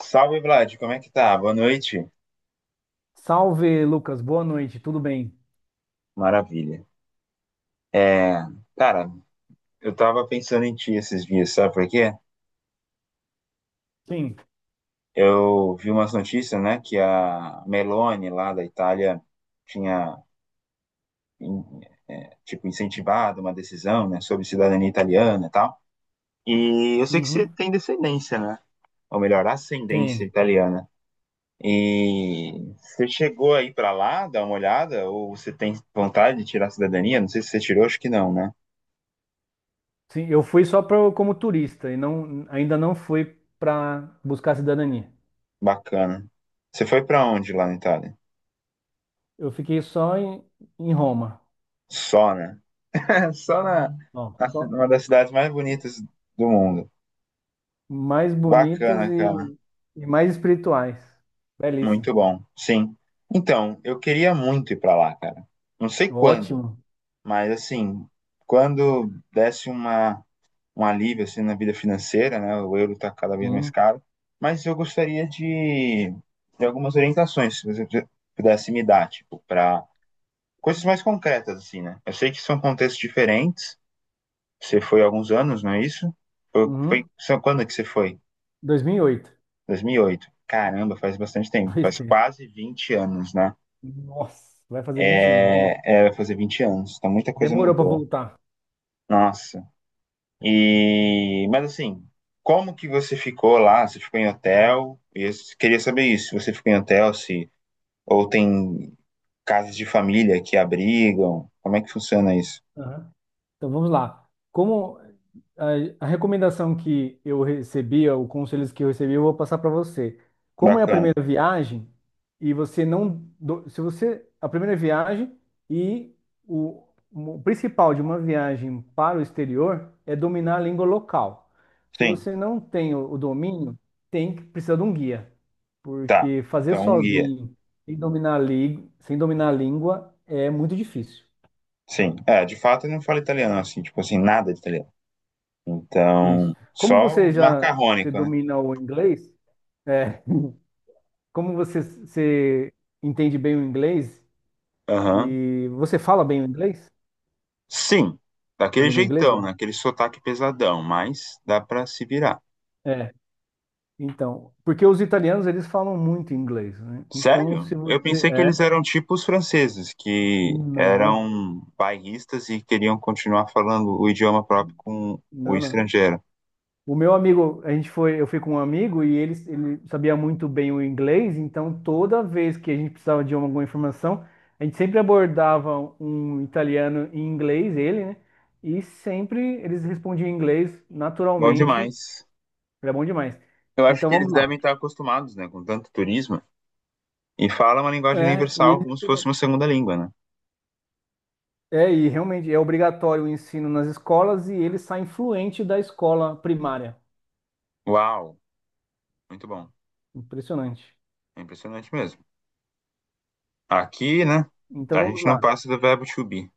Salve, Vlad, como é que tá? Boa noite. Salve, Lucas. Boa noite. Tudo bem? Maravilha. É, cara, eu tava pensando em ti esses dias, sabe por quê? Sim. Eu vi umas notícias, né, que a Meloni lá da Itália tinha, em- tipo, incentivado uma decisão, né, sobre cidadania italiana e tal. E eu sei que você Uhum. tem descendência, né? Ou melhor, ascendência Tem. italiana. E você chegou aí pra lá, dar uma olhada, ou você tem vontade de tirar a cidadania? Não sei se você tirou, acho que não, né? Sim, eu fui só pra, como turista e não, ainda não fui para buscar cidadania. Bacana. Você foi pra onde lá na Itália? Eu fiquei só em, em Roma. Só, né? Só na, Ó, só uma das cidades mais bonitas do mundo. mais bonitas Bacana, cara. E mais espirituais. Belíssimo. Muito bom. Sim. Então, eu queria muito ir pra lá, cara. Não sei quando, Ótimo. mas assim, quando desse uma um alívio assim na vida financeira, né? O euro tá cada vez mais Sim. caro, mas eu gostaria de algumas orientações, se você pudesse me dar, tipo, para coisas mais concretas assim, né? Eu sei que são contextos diferentes. Você foi há alguns anos, não é isso? Foi, foi, Uhum. Quando é que você foi? 2008. 2008. Caramba, faz bastante tempo. Pois Faz tem. quase 20 anos, né? Nossa, vai fazer 20 anos. Nossa. É, é, vai fazer 20 anos. Então muita coisa Demorou para mudou. voltar. Nossa. E, mas assim, como que você ficou lá? Você ficou em hotel? Eu queria saber isso. Se você ficou em hotel, se ou tem casas de família que abrigam? Como é que funciona isso? Aham. Então vamos lá. Como a recomendação que eu recebi, o conselhos que eu recebi, eu vou passar para você. Como é a Bacana. primeira viagem e você não, se você a primeira viagem e o, o principal de uma viagem para o exterior é dominar a língua local. Se Sim. você não tem o domínio, tem que precisar de um guia, Tá. porque fazer Então, um guia. sozinho sem dominar sem dominar a língua é muito difícil. Sim. É, de fato eu não falo italiano assim, tipo assim, nada de italiano. Então, Isso. Como só o você já você macarrônico, né? domina o inglês, é, como você entende bem o inglês Aham. e você fala bem o inglês, Sim, a daquele língua jeitão, inglesa? né? Aquele sotaque pesadão, mas dá pra se virar. É. Então, porque os italianos eles falam muito inglês, né? Então, Sério? se Eu você pensei que é, eles eram tipo os franceses, que não, eram bairristas e queriam continuar falando o idioma próprio com o não, não. estrangeiro. O meu amigo, a gente foi, eu fui com um amigo e ele sabia muito bem o inglês, então toda vez que a gente precisava de alguma informação, a gente sempre abordava um italiano em inglês, ele, né? E sempre eles respondiam em inglês Bom naturalmente, demais. era bom demais. Eu acho Então que eles vamos devem lá. estar acostumados, né, com tanto turismo e falam uma linguagem É, e universal eles como se fosse estudam. uma segunda língua, né? É, e realmente é obrigatório o ensino nas escolas e ele sai fluente da escola primária. Uau, muito bom. Impressionante. É impressionante mesmo. Aqui, né? Então A vamos gente não lá. passa do verbo to be.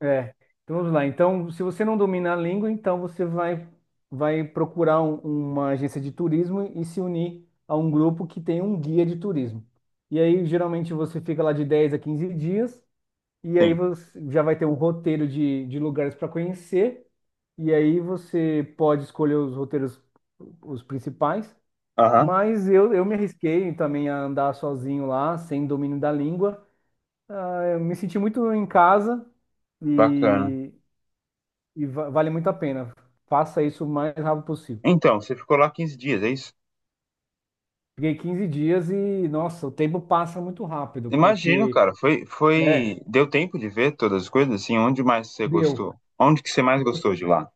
É, então vamos lá. Então, se você não domina a língua, então você vai, vai procurar uma agência de turismo e se unir a um grupo que tem um guia de turismo. E aí, geralmente, você fica lá de 10 a 15 dias, e aí Sim. você já vai ter um roteiro de lugares para conhecer, e aí você pode escolher os roteiros, os principais. Aham, Mas eu me arrisquei também a andar sozinho lá, sem domínio da língua. É, eu me senti muito em casa. bacana. E, vale muito a pena. Faça isso o mais rápido possível. Então, você ficou lá 15 dias, é isso? Fiquei 15 dias e, nossa, o tempo passa muito rápido, Imagino, porque cara. Foi, é, foi. Deu tempo de ver todas as coisas? Assim, onde mais você deu. gostou? Onde que você mais Deu. gostou de lá?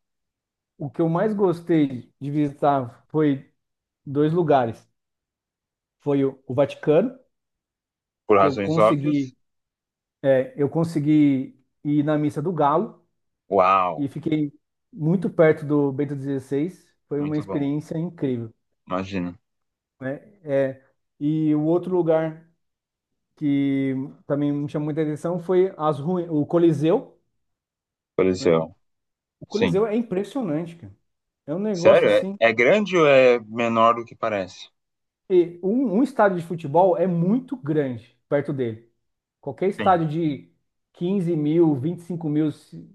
O que eu mais gostei de visitar foi dois lugares. Foi o Vaticano, Por que eu razões óbvias? consegui, é, eu consegui ir na Missa do Galo Uau, e fiquei muito perto do Bento XVI. Foi uma muito bom. experiência incrível, Imagino. né? É, e o outro lugar que também me chamou muita atenção foi as ruínas, o Coliseu, né? Coliseu. O Sim. Coliseu é impressionante, cara. É um negócio Sério? assim. É, é grande ou é menor do que parece? E um estádio de futebol é muito grande perto dele. Qualquer Sim. estádio de 15 mil, 25 mil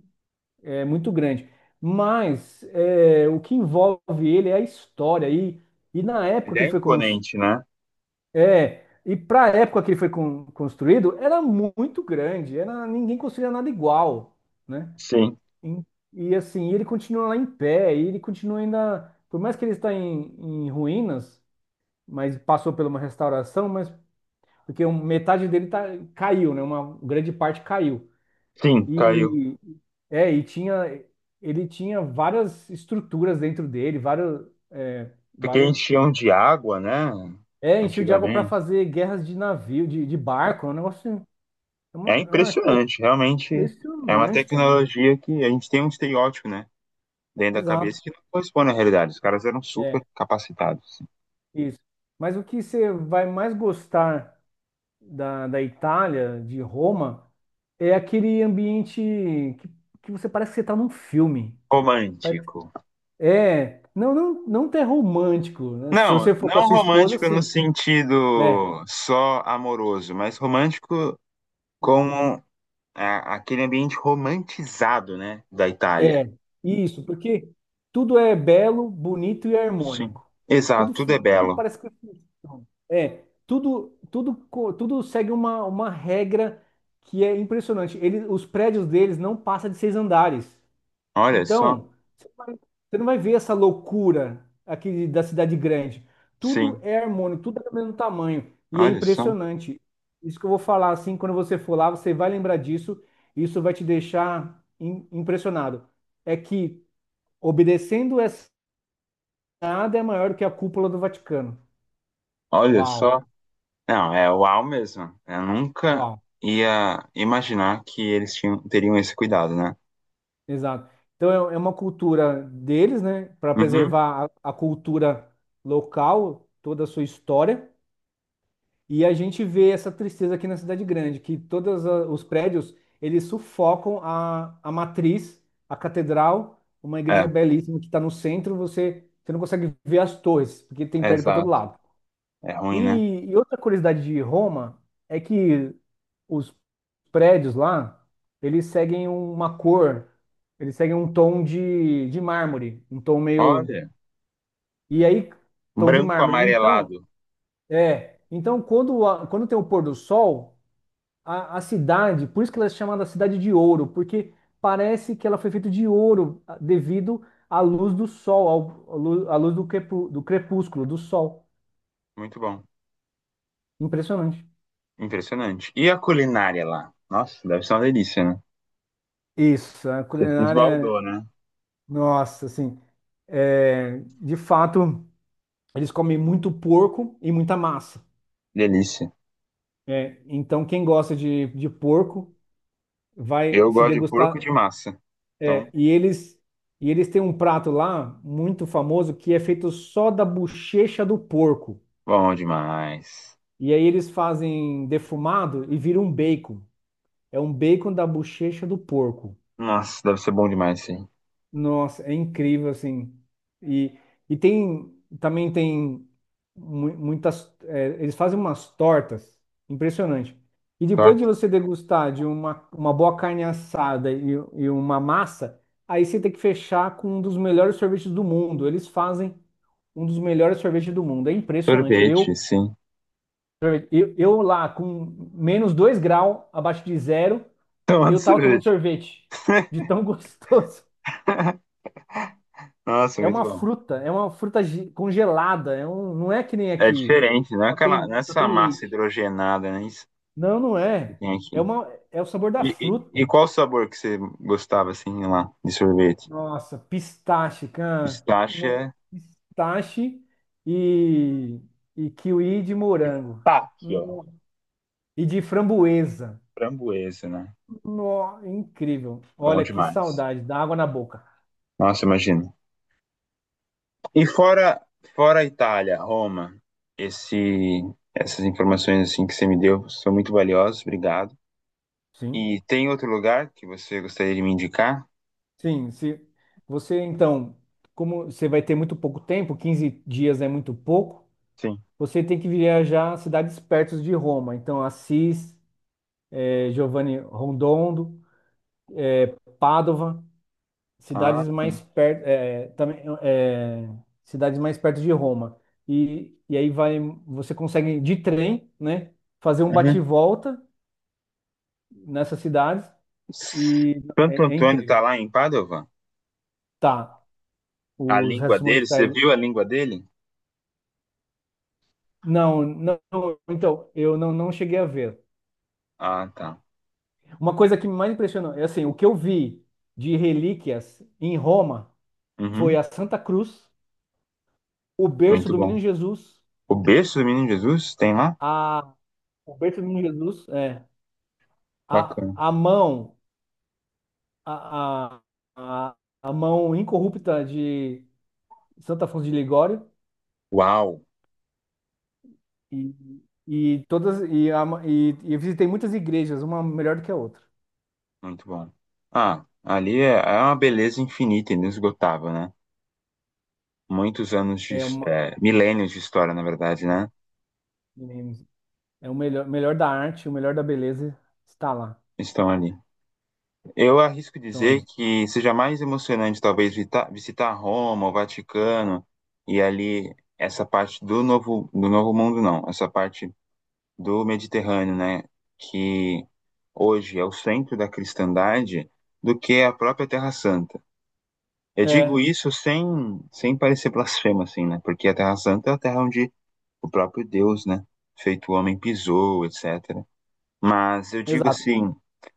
é muito grande. Mas é, o que envolve ele é a história. E na época Ele que é ele foi imponente, né? é, e para a época que ele foi construído, era muito grande. Era, ninguém construía nada igual, né? Sim. Em- E assim, ele continua lá em pé, e ele continua ainda, por mais que ele está em, em ruínas, mas passou por uma restauração, mas porque metade dele tá, caiu, né? Uma grande parte caiu. Sim, caiu. E é, e tinha ele tinha várias estruturas dentro dele, é, Porque vários enchiam de água, né? é, encheu de água para Antigamente. fazer guerras de navio, de barco, é um negócio, É é uma arquitetura impressionante, realmente é uma impressionante, cara. tecnologia que a gente tem um estereótipo, né, dentro da Exato. cabeça que não corresponde à realidade. Os caras eram super É, capacitados. Assim. isso. Mas o que você vai mais gostar da Itália, de Roma, é aquele ambiente que, que você parece que você está num filme. Pare- Romântico. É, não, não, não ter romântico, né? Se Não, você for com a não sua esposa, romântico no sim, né? sentido só amoroso, mas romântico como aquele ambiente romantizado, né, da É, Itália. é isso, porque tudo é belo, bonito e Sim. harmônico. Exato, Tudo, tudo é tudo belo. parece que funciona. É, tudo, tudo, tudo segue uma regra que é impressionante. Eles os prédios deles não passam de 6 andares. Olha só. Então, você não vai você não vai ver essa loucura aqui da cidade grande. Tudo Sim, é harmônico, tudo é do mesmo tamanho. E é olha só. impressionante. Isso que eu vou falar, assim, quando você for lá, você vai lembrar disso. E isso vai te deixar impressionado. É que obedecendo essa, nada é maior do que a cúpula do Vaticano. Olha só. Uau, Não, é uau mesmo. Eu nunca uau, ia imaginar que eles tinham, teriam esse cuidado, né? exato. Então é é uma cultura deles, né, para Uhum. preservar a cultura local, toda a sua história. E a gente vê essa tristeza aqui na cidade grande, que todos os prédios, eles sufocam a matriz, a catedral, uma igreja É, belíssima que está no centro, você, você não consegue ver as torres, porque tem é prédio para todo exato. lado. É ruim, né? E outra curiosidade de Roma é que os prédios lá, eles seguem uma cor, eles seguem um tom de mármore, um tom meio... Olha, E aí, tom de branco mármore. Então, amarelado. é... Então, quando, quando tem o pôr do sol a cidade, por isso que ela é chamada Cidade de Ouro, porque parece que ela foi feita de ouro ah, devido à luz do sol, à luz do, do crepúsculo, do sol. Muito bom. Impressionante. Impressionante. E a culinária lá? Nossa, deve ser uma delícia, né? Isso, a Se culinária, Esbaldou, né? nossa, assim, é, de fato, eles comem muito porco e muita massa. Delícia. É, então, quem gosta de porco vai Eu se gosto de degustar. porco de massa. É, Então, e eles têm um prato lá muito famoso que é feito só da bochecha do porco. bom demais. E aí eles fazem defumado e vira um bacon. É um bacon da bochecha do porco. Nossa, deve ser bom demais, sim. Nossa, é incrível assim. E, e tem também tem muitas. É, eles fazem umas tortas impressionante. E depois de Torta. você degustar de uma boa carne assada e uma massa, aí você tem que fechar com um dos melhores sorvetes do mundo. Eles fazem um dos melhores sorvetes do mundo. É impressionante. Eu Sorvete, sim. Eu, eu lá, com -2 graus, abaixo de zero, Tomando eu tava tomando sorvete. sorvete. De tão gostoso. Nossa, É muito uma bom. fruta, congelada. É um, não é que nem É aqui. diferente, não é aquela, não é Só essa tem massa leite. hidrogenada, né? Isso Não, não que é. tem É aqui. uma, é o sabor da E fruta. qual o sabor que você gostava, assim, lá, de sorvete? Nossa, pistache, cara. Pistache Não, é pistache e, e kiwi de morango. tá aqui, ó. No- E de framboesa. Framboesa, né? Incrível. Bom Olha que demais. saudade, dá água na boca. Nossa, imagina. E fora a Itália, Roma, esse, essas informações, assim, que você me deu são muito valiosas, obrigado. Sim. E tem outro lugar que você gostaria de me indicar? Sim, se você então, como você vai ter muito pouco tempo, 15 dias é muito pouco, Sim. você tem que viajar a cidades perto de Roma, então Assis, Giovanni Rotondo, Padova, Ah, cidades mais sim. perto, também, cidades mais perto de Roma. E aí vai, você consegue de trem, né, fazer um Uhum. bate-volta nessas cidades e Santo é, é Antônio tá incrível. lá em Padova? Tá, A os língua restos dele, você mortais. viu a língua dele? Não, não, então, eu não, não cheguei a ver. Ah, tá. Uma coisa que me mais impressionou, é assim, o que eu vi de relíquias em Roma foi Uhum, a Santa Cruz, o berço muito do bom. Menino Jesus, O berço do menino Jesus tem lá? a, o berço do Menino Jesus, é, a, Bacana. a mão, a, a, a a mão incorrupta de Santo Afonso de Ligório Uau, e, e todas e, e eu visitei muitas igrejas, uma melhor do que a outra. muito bom. Ah, ali é, é uma beleza infinita, inesgotável, né? Muitos anos de, É uma, milênios de história, na verdade, né? é, é o melhor, melhor da arte, o melhor da beleza está lá. Estão ali. Eu arrisco Então, dizer ali. que seja mais emocionante, talvez, visitar Roma, o Vaticano e ali essa parte do novo mundo, não. Essa parte do Mediterrâneo, né, que hoje é o centro da cristandade, do que a própria Terra Santa. Eu digo É, isso sem parecer blasfema, assim, né, porque a Terra Santa é a terra onde o próprio Deus, né, feito homem, pisou, etc. Mas eu digo exato. assim,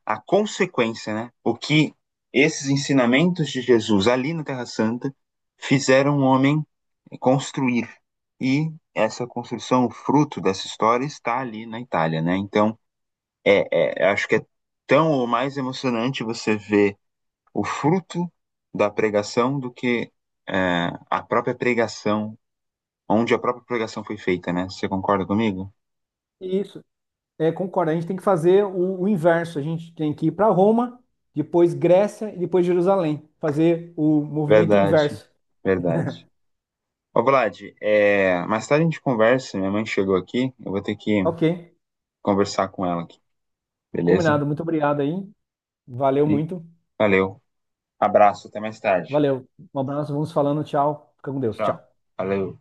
a consequência, né, o que esses ensinamentos de Jesus ali na Terra Santa fizeram o homem construir. E essa construção, o fruto dessa história, está ali na Itália, né? Então, é, é, acho que é tão ou mais emocionante você ver o fruto da pregação do que a própria pregação, onde a própria pregação foi feita, né? Você concorda comigo? Isso. É, concordo. A gente tem que fazer o inverso. A gente tem que ir para Roma, depois Grécia e depois Jerusalém. Fazer o movimento Verdade, inverso. verdade. Ô, Vlad, mais tarde a gente conversa. Minha mãe chegou aqui, eu vou ter que Ok. conversar com ela aqui, beleza? Combinado. Muito obrigado aí. Valeu E muito. valeu. Abraço, até mais tarde. Valeu. Um abraço. Vamos falando. Tchau. Fica com Deus. Tchau. Tchau. Valeu.